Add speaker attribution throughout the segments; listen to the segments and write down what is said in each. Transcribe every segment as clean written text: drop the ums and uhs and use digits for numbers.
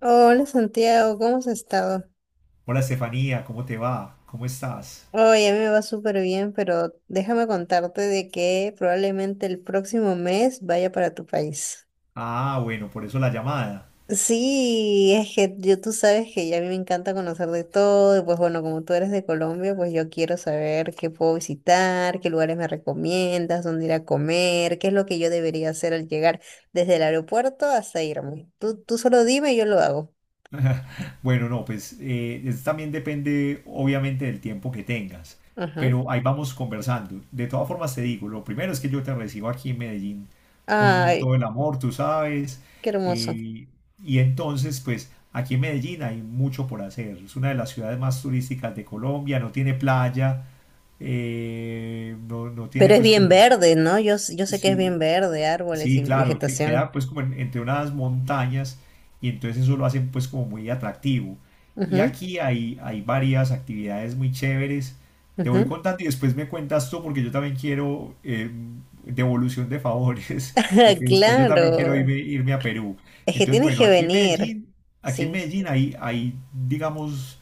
Speaker 1: Hola Santiago, ¿cómo has estado?
Speaker 2: Hola Estefanía, ¿cómo te va? ¿Cómo estás?
Speaker 1: Oye, a mí me va súper bien, pero déjame contarte de que probablemente el próximo mes vaya para tu país.
Speaker 2: Ah, bueno, por eso la llamada.
Speaker 1: Sí, es que yo tú sabes que ya a mí me encanta conocer de todo, y pues bueno, como tú eres de Colombia, pues yo quiero saber qué puedo visitar, qué lugares me recomiendas, dónde ir a comer, qué es lo que yo debería hacer al llegar desde el aeropuerto hasta irme. Tú solo dime y yo lo hago.
Speaker 2: Bueno, no, pues es- también depende obviamente del tiempo que tengas,
Speaker 1: Ajá.
Speaker 2: pero ahí vamos conversando. De todas formas te digo, lo primero es que yo te recibo aquí en Medellín con
Speaker 1: Ay,
Speaker 2: todo el amor, tú sabes,
Speaker 1: qué hermoso.
Speaker 2: eh, y entonces pues aquí en Medellín hay mucho por hacer. Es una de las ciudades más turísticas de Colombia, no tiene playa, no tiene
Speaker 1: Pero es
Speaker 2: pues
Speaker 1: bien
Speaker 2: como...
Speaker 1: verde, ¿no? Yo sé que es bien
Speaker 2: Sí.
Speaker 1: verde, árboles
Speaker 2: Sí,
Speaker 1: y
Speaker 2: claro, que queda
Speaker 1: vegetación.
Speaker 2: pues como en- entre unas montañas y entonces eso lo hacen pues como muy atractivo. Y
Speaker 1: Ujú,
Speaker 2: aquí hay varias actividades muy chéveres. Te voy
Speaker 1: ujú.
Speaker 2: contando y después me cuentas tú porque yo también quiero devolución de favores, porque después yo también quiero
Speaker 1: Claro,
Speaker 2: irme, irme a Perú.
Speaker 1: es que
Speaker 2: Entonces,
Speaker 1: tienes
Speaker 2: bueno,
Speaker 1: que venir.
Speaker 2: Aquí en
Speaker 1: Sí,
Speaker 2: Medellín hay, hay digamos,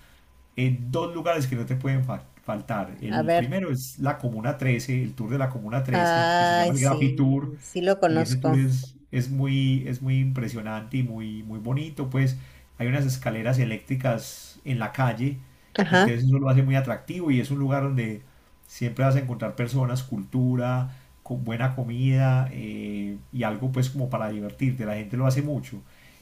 Speaker 2: en dos lugares que no te pueden fa- faltar.
Speaker 1: a
Speaker 2: El
Speaker 1: ver.
Speaker 2: primero es la Comuna 13, el tour de la Comuna 13, que se llama
Speaker 1: Ay,
Speaker 2: el Graffiti Tour,
Speaker 1: sí, sí lo
Speaker 2: y ese tour
Speaker 1: conozco.
Speaker 2: es muy impresionante y muy, muy bonito, pues hay unas escaleras eléctricas en la calle,
Speaker 1: Ajá.
Speaker 2: entonces eso lo hace muy atractivo y es un lugar donde siempre vas a encontrar personas, cultura, con buena comida y algo pues como para divertirte, la gente lo hace mucho.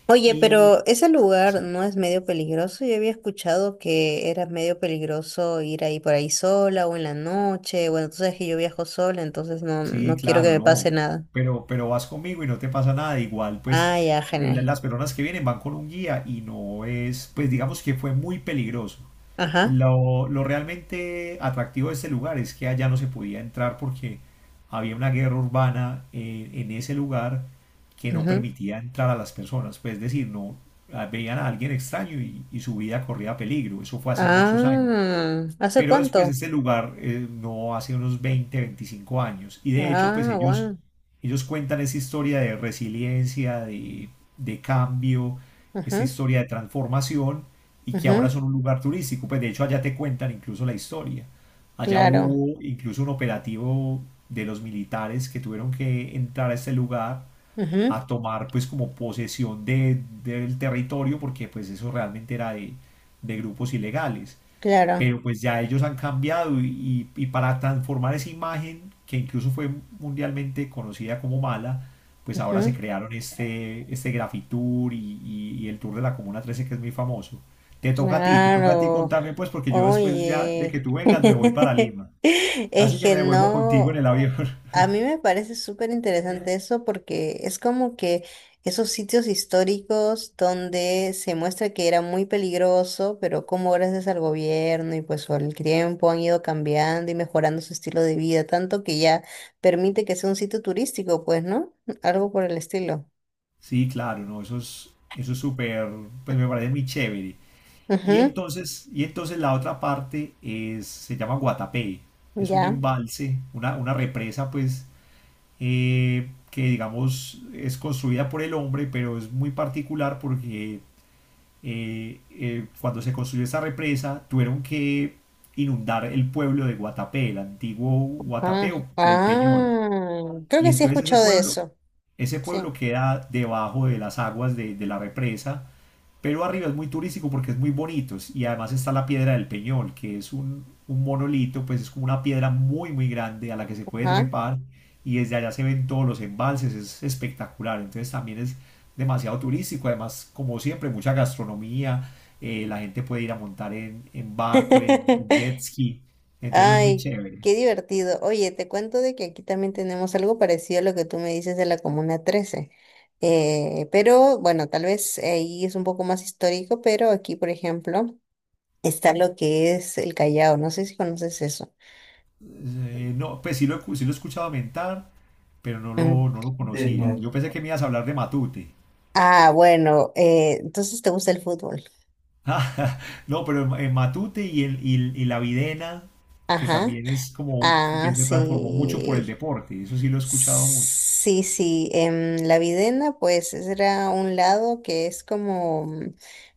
Speaker 1: Oye,
Speaker 2: Y,
Speaker 1: pero ese lugar
Speaker 2: sí.
Speaker 1: no es medio peligroso. Yo había escuchado que era medio peligroso ir ahí por ahí sola o en la noche. Bueno, tú sabes que yo viajo sola, entonces no,
Speaker 2: Sí,
Speaker 1: no quiero que
Speaker 2: claro,
Speaker 1: me pase
Speaker 2: no.
Speaker 1: nada.
Speaker 2: Pero vas conmigo y no te pasa nada. Igual, pues
Speaker 1: Ah, ya,
Speaker 2: la-
Speaker 1: genial.
Speaker 2: las personas que vienen van con un guía y no es, pues digamos que fue muy peligroso.
Speaker 1: Ajá.
Speaker 2: Lo realmente atractivo de este lugar es que allá no se podía entrar porque había una guerra urbana en ese lugar que no permitía entrar a las personas. Pues es decir, no veían a alguien extraño y su vida corría peligro. Eso fue hace muchos años.
Speaker 1: Ah, ¿hace
Speaker 2: Pero después
Speaker 1: cuánto?
Speaker 2: este lugar no hace unos 20, 25 años. Y de hecho, pues
Speaker 1: Ah,
Speaker 2: ellos,
Speaker 1: bueno.
Speaker 2: ellos cuentan esa historia de resiliencia, de cambio, esta
Speaker 1: Ajá,
Speaker 2: historia de transformación y que ahora
Speaker 1: ajá,
Speaker 2: son un lugar turístico. Pues de hecho allá te cuentan incluso la historia. Allá
Speaker 1: claro,
Speaker 2: hubo incluso un operativo de los militares que tuvieron que entrar a este lugar
Speaker 1: ajá,
Speaker 2: a tomar pues como posesión de, del territorio porque pues eso realmente era de grupos ilegales
Speaker 1: claro,
Speaker 2: pero pues ya ellos han cambiado y para transformar esa imagen, que incluso fue mundialmente conocida como mala, pues ahora se
Speaker 1: ajá,
Speaker 2: crearon este, este Grafitour y el Tour de la Comuna 13 que es muy famoso. Te toca a ti, te toca a ti
Speaker 1: claro.
Speaker 2: contarme pues porque yo después ya de que
Speaker 1: Oye,
Speaker 2: tú vengas me voy para Lima.
Speaker 1: es
Speaker 2: Así que
Speaker 1: que
Speaker 2: me devuelvo contigo en
Speaker 1: no.
Speaker 2: el avión.
Speaker 1: A mí me parece súper interesante eso porque es como que esos sitios históricos donde se muestra que era muy peligroso, pero como gracias al gobierno y pues por el tiempo han ido cambiando y mejorando su estilo de vida, tanto que ya permite que sea un sitio turístico, pues, ¿no? Algo por el estilo.
Speaker 2: Sí, claro, no, eso es súper, pues me parece muy chévere. Y entonces la otra parte es, se llama Guatapé.
Speaker 1: Ujú,
Speaker 2: Es un
Speaker 1: ya.
Speaker 2: embalse, una represa, pues, que digamos es construida por el hombre, pero es muy particular porque cuando se construyó esta represa tuvieron que inundar el pueblo de Guatapé, el antiguo
Speaker 1: Ah,
Speaker 2: Guatapé o el Peñol.
Speaker 1: ah, creo
Speaker 2: Y
Speaker 1: que sí he
Speaker 2: entonces
Speaker 1: escuchado de eso.
Speaker 2: ese
Speaker 1: Sí.
Speaker 2: pueblo queda debajo de las aguas de la represa pero arriba es muy turístico porque es muy bonito y además está la piedra del Peñol, que es un monolito, pues es como una piedra muy muy grande a la que se puede
Speaker 1: Ajá.
Speaker 2: trepar y desde allá se ven todos los embalses, es espectacular, entonces también es demasiado turístico, además como siempre mucha gastronomía, la gente puede ir a montar en barco, en jet ski, entonces es muy
Speaker 1: Ay,
Speaker 2: chévere.
Speaker 1: qué divertido. Oye, te cuento de que aquí también tenemos algo parecido a lo que tú me dices de la Comuna 13. Pero bueno, tal vez ahí es un poco más histórico, pero aquí, por ejemplo, está lo que es el Callao. No sé si conoces eso.
Speaker 2: No, pues sí lo, he cu- sí lo he escuchado mentar, pero no
Speaker 1: Mm.
Speaker 2: lo, no lo conocía.
Speaker 1: No.
Speaker 2: Yo pensé que me ibas a hablar de Matute.
Speaker 1: Ah, bueno, entonces te gusta el fútbol.
Speaker 2: Ah, no, pero en Matute y, el, y, el- y la Videna, que
Speaker 1: Ajá.
Speaker 2: también es como
Speaker 1: Ah,
Speaker 2: que se transformó mucho por el
Speaker 1: sí.
Speaker 2: deporte, eso sí lo he escuchado mucho.
Speaker 1: Sí, sí, la Videna pues era un lado que es como,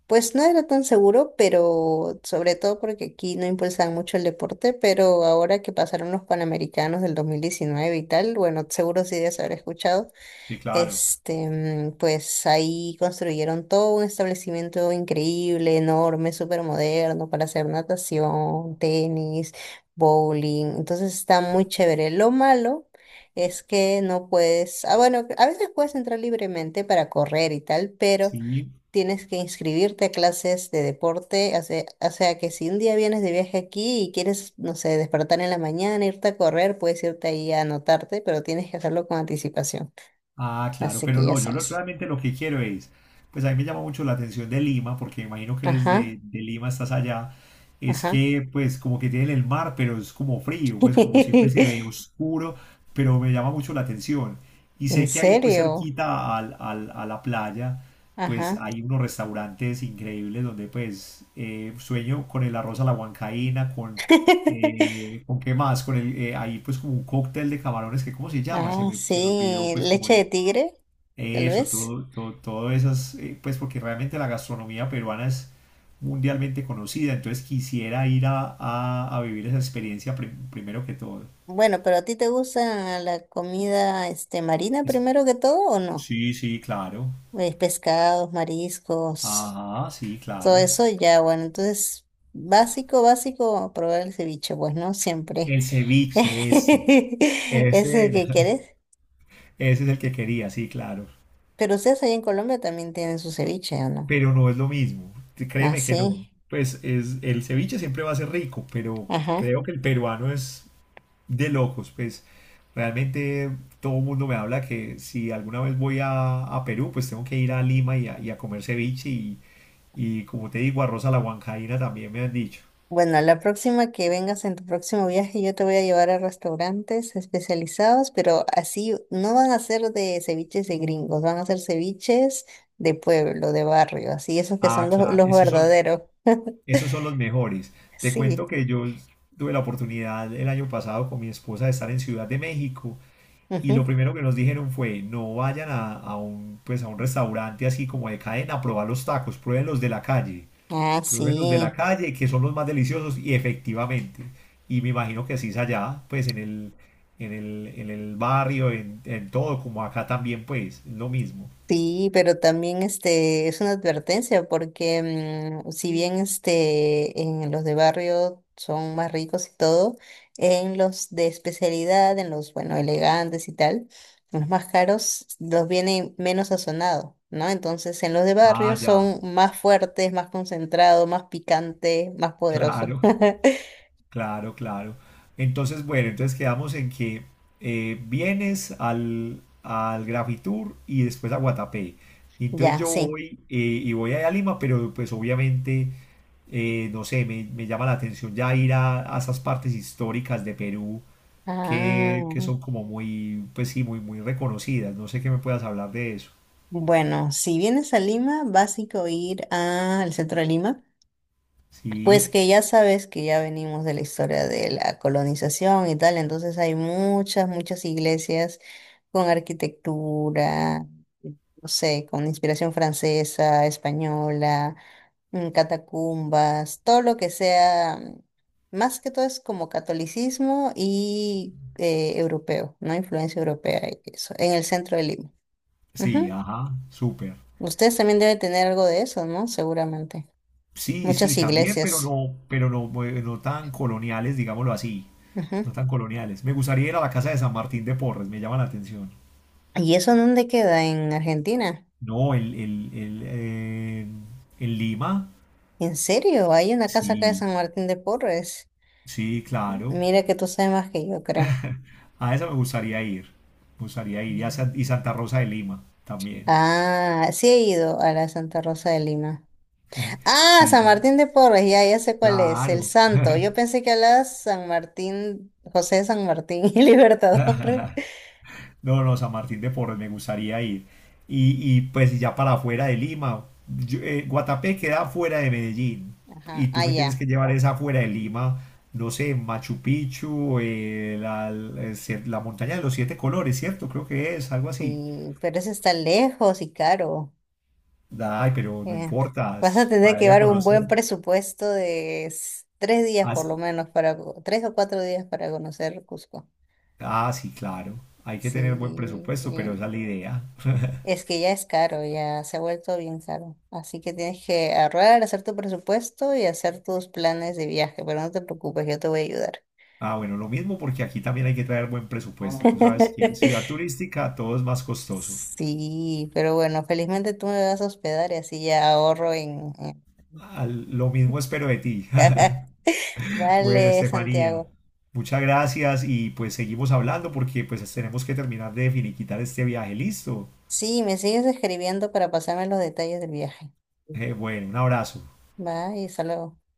Speaker 1: pues no era tan seguro, pero sobre todo porque aquí no impulsaban mucho el deporte, pero ahora que pasaron los Panamericanos del 2019 y tal, bueno, seguro sí debes haber escuchado,
Speaker 2: Sí, claro.
Speaker 1: este, pues ahí construyeron todo un establecimiento increíble, enorme, súper moderno para hacer natación, tenis, bowling. Entonces está muy chévere. Lo malo es que no puedes, ah, bueno, a veces puedes entrar libremente para correr y tal, pero
Speaker 2: Sí.
Speaker 1: tienes que inscribirte a clases de deporte. O sea que si un día vienes de viaje aquí y quieres, no sé, despertar en la mañana, irte a correr, puedes irte ahí a anotarte, pero tienes que hacerlo con anticipación.
Speaker 2: Ah, claro,
Speaker 1: Así
Speaker 2: pero
Speaker 1: que ya
Speaker 2: no, yo lo-
Speaker 1: sabes.
Speaker 2: realmente lo que quiero es, pues a mí me llama mucho la atención de Lima, porque me imagino que
Speaker 1: Ajá,
Speaker 2: desde de Lima estás allá, es
Speaker 1: ajá.
Speaker 2: que pues como que tienen el mar, pero es como frío, pues como siempre se ve oscuro, pero me llama mucho la atención. Y
Speaker 1: ¿En
Speaker 2: sé que ahí pues
Speaker 1: serio?
Speaker 2: cerquita al- al- a la playa, pues
Speaker 1: Ajá.
Speaker 2: hay unos restaurantes increíbles donde pues sueño con el arroz a la huancaína, ¿con qué más? Con el, ahí pues como un cóctel de camarones que ¿cómo se llama?
Speaker 1: Ah,
Speaker 2: Se me olvidó
Speaker 1: sí,
Speaker 2: pues como
Speaker 1: leche de
Speaker 2: el...
Speaker 1: tigre, tal
Speaker 2: Eso,
Speaker 1: vez.
Speaker 2: todo, todo, todo esas, pues porque realmente la gastronomía peruana es mundialmente conocida, entonces quisiera ir a vivir esa experiencia prim- primero que todo.
Speaker 1: Bueno, pero ¿a ti te gusta la comida este marina
Speaker 2: Es-
Speaker 1: primero que todo o no?
Speaker 2: sí, sí, claro.
Speaker 1: Pescados, mariscos,
Speaker 2: Ajá, sí,
Speaker 1: todo
Speaker 2: claro.
Speaker 1: eso ya, bueno, entonces básico, básico, probar el ceviche, pues no siempre.
Speaker 2: El ceviche ese.
Speaker 1: ¿Es
Speaker 2: Ese
Speaker 1: el que
Speaker 2: era.
Speaker 1: quieres?
Speaker 2: Ese es el que quería, sí, claro.
Speaker 1: Pero ustedes allá en Colombia también tienen su ceviche, ¿o no?
Speaker 2: Pero no es lo mismo. Créeme que no.
Speaker 1: Así,
Speaker 2: Pues es, el ceviche siempre va a ser rico, pero
Speaker 1: ajá.
Speaker 2: creo que el peruano es de locos, pues realmente todo el mundo me habla que si alguna vez voy a Perú, pues tengo que ir a Lima y a comer ceviche y como te digo, arroz a la huancaína también me han dicho.
Speaker 1: Bueno, la próxima que vengas en tu próximo viaje, yo te voy a llevar a restaurantes especializados, pero así no van a ser de ceviches de gringos, van a ser ceviches de pueblo, de barrio, así, esos que
Speaker 2: Ah,
Speaker 1: son los,
Speaker 2: claro,
Speaker 1: los verdaderos.
Speaker 2: esos son los mejores. Te
Speaker 1: Sí.
Speaker 2: cuento que yo tuve la oportunidad el año pasado con mi esposa de estar en Ciudad de México y lo
Speaker 1: Ujú.
Speaker 2: primero que nos dijeron fue no vayan a un, pues a un restaurante así como de cadena a probar los tacos, prueben los de la calle.
Speaker 1: Ah,
Speaker 2: Prueben los de la
Speaker 1: sí.
Speaker 2: calle, que son los más deliciosos, y efectivamente. Y me imagino que así es allá, pues en el, en el, en el barrio, en todo, como acá también, pues, es lo mismo.
Speaker 1: Sí, pero también este es una advertencia porque si bien este en los de barrio son más ricos y todo, en los de especialidad, en los bueno elegantes y tal, los más caros los vienen menos sazonados, ¿no? Entonces en los de barrio
Speaker 2: Ah, ya,
Speaker 1: son más fuertes, más concentrados, más picantes, más poderosos.
Speaker 2: claro, claro, claro. Entonces, bueno, entonces quedamos en que vienes al, al Grafitour y después a Guatapé. Y entonces
Speaker 1: Ya,
Speaker 2: yo
Speaker 1: sí.
Speaker 2: voy y voy allá a Lima, pero pues obviamente, no sé, me llama la atención ya ir a esas partes históricas de Perú
Speaker 1: Ah,
Speaker 2: que son como muy, pues sí, muy, muy reconocidas. No sé qué me puedas hablar de eso.
Speaker 1: bueno, si vienes a Lima, vas a ir al centro de Lima. Pues
Speaker 2: Sí,
Speaker 1: que ya sabes que ya venimos de la historia de la colonización y tal, entonces hay muchas, muchas iglesias con arquitectura, no sé, con inspiración francesa, española, catacumbas, todo lo que sea, más que todo es como catolicismo y europeo, ¿no? Influencia europea y eso, en el centro de Lima.
Speaker 2: sí,
Speaker 1: Ujú.
Speaker 2: ajá, súper.
Speaker 1: Ustedes también deben tener algo de eso, ¿no? Seguramente.
Speaker 2: Sí, sí,
Speaker 1: Muchas
Speaker 2: también,
Speaker 1: iglesias.
Speaker 2: pero no, no tan coloniales, digámoslo así. No tan coloniales. Me gustaría ir a la casa de San Martín de Porres, me llama la atención.
Speaker 1: ¿Y eso dónde queda? En Argentina.
Speaker 2: No, el, en Lima,
Speaker 1: ¿En serio? Hay una casa acá de
Speaker 2: sí,
Speaker 1: San Martín de Porres.
Speaker 2: sí, claro.
Speaker 1: Mira que tú sabes más que yo, creo.
Speaker 2: A esa me gustaría ir. Me gustaría ir. Y, a San- y Santa Rosa de Lima también.
Speaker 1: Ah, sí he ido a la de Santa Rosa de Lima. Ah,
Speaker 2: Sí,
Speaker 1: San
Speaker 2: sí.
Speaker 1: Martín de Porres, ya, ya sé cuál es, el
Speaker 2: Claro.
Speaker 1: santo. Yo pensé que hablabas San Martín, José de San Martín y Libertador.
Speaker 2: No, no, San Martín de Porres, me gustaría ir. Y, pues ya para afuera de Lima, yo- Guatapé queda fuera de Medellín
Speaker 1: Ajá,
Speaker 2: y tú
Speaker 1: ah,
Speaker 2: me tienes
Speaker 1: ya.
Speaker 2: que llevar esa fuera de Lima, no sé, Machu Picchu, la, la la montaña de los 7 colores, ¿cierto? Creo que es algo así.
Speaker 1: Y pero ese está lejos y caro.
Speaker 2: Ay, pero no
Speaker 1: Bien.
Speaker 2: importa,
Speaker 1: Vas a
Speaker 2: es
Speaker 1: tener
Speaker 2: para
Speaker 1: que
Speaker 2: ir a
Speaker 1: llevar un
Speaker 2: conocer.
Speaker 1: buen presupuesto de 3 días
Speaker 2: Ah,
Speaker 1: por lo
Speaker 2: sí,
Speaker 1: menos para, 3 o 4 días para conocer Cusco.
Speaker 2: ah, sí, claro, hay que
Speaker 1: Sí,
Speaker 2: tener buen presupuesto, pero esa es la idea.
Speaker 1: es que ya es caro, ya se ha vuelto bien caro. Así que tienes que ahorrar, hacer tu presupuesto y hacer tus planes de viaje, pero no te preocupes, yo te voy a ayudar.
Speaker 2: Ah, bueno, lo mismo porque aquí también hay que traer buen presupuesto. Tú sabes que ciudad turística todo es más costoso.
Speaker 1: Sí, pero bueno, felizmente tú me vas a hospedar y así ya ahorro en...
Speaker 2: Al- lo mismo espero de ti. Bueno,
Speaker 1: Vale,
Speaker 2: Estefanía,
Speaker 1: Santiago.
Speaker 2: muchas gracias y pues seguimos hablando porque pues tenemos que terminar de finiquitar este viaje. Listo.
Speaker 1: Sí, me sigues escribiendo para pasarme los detalles del viaje.
Speaker 2: Bueno, un abrazo.
Speaker 1: Bye, hasta luego.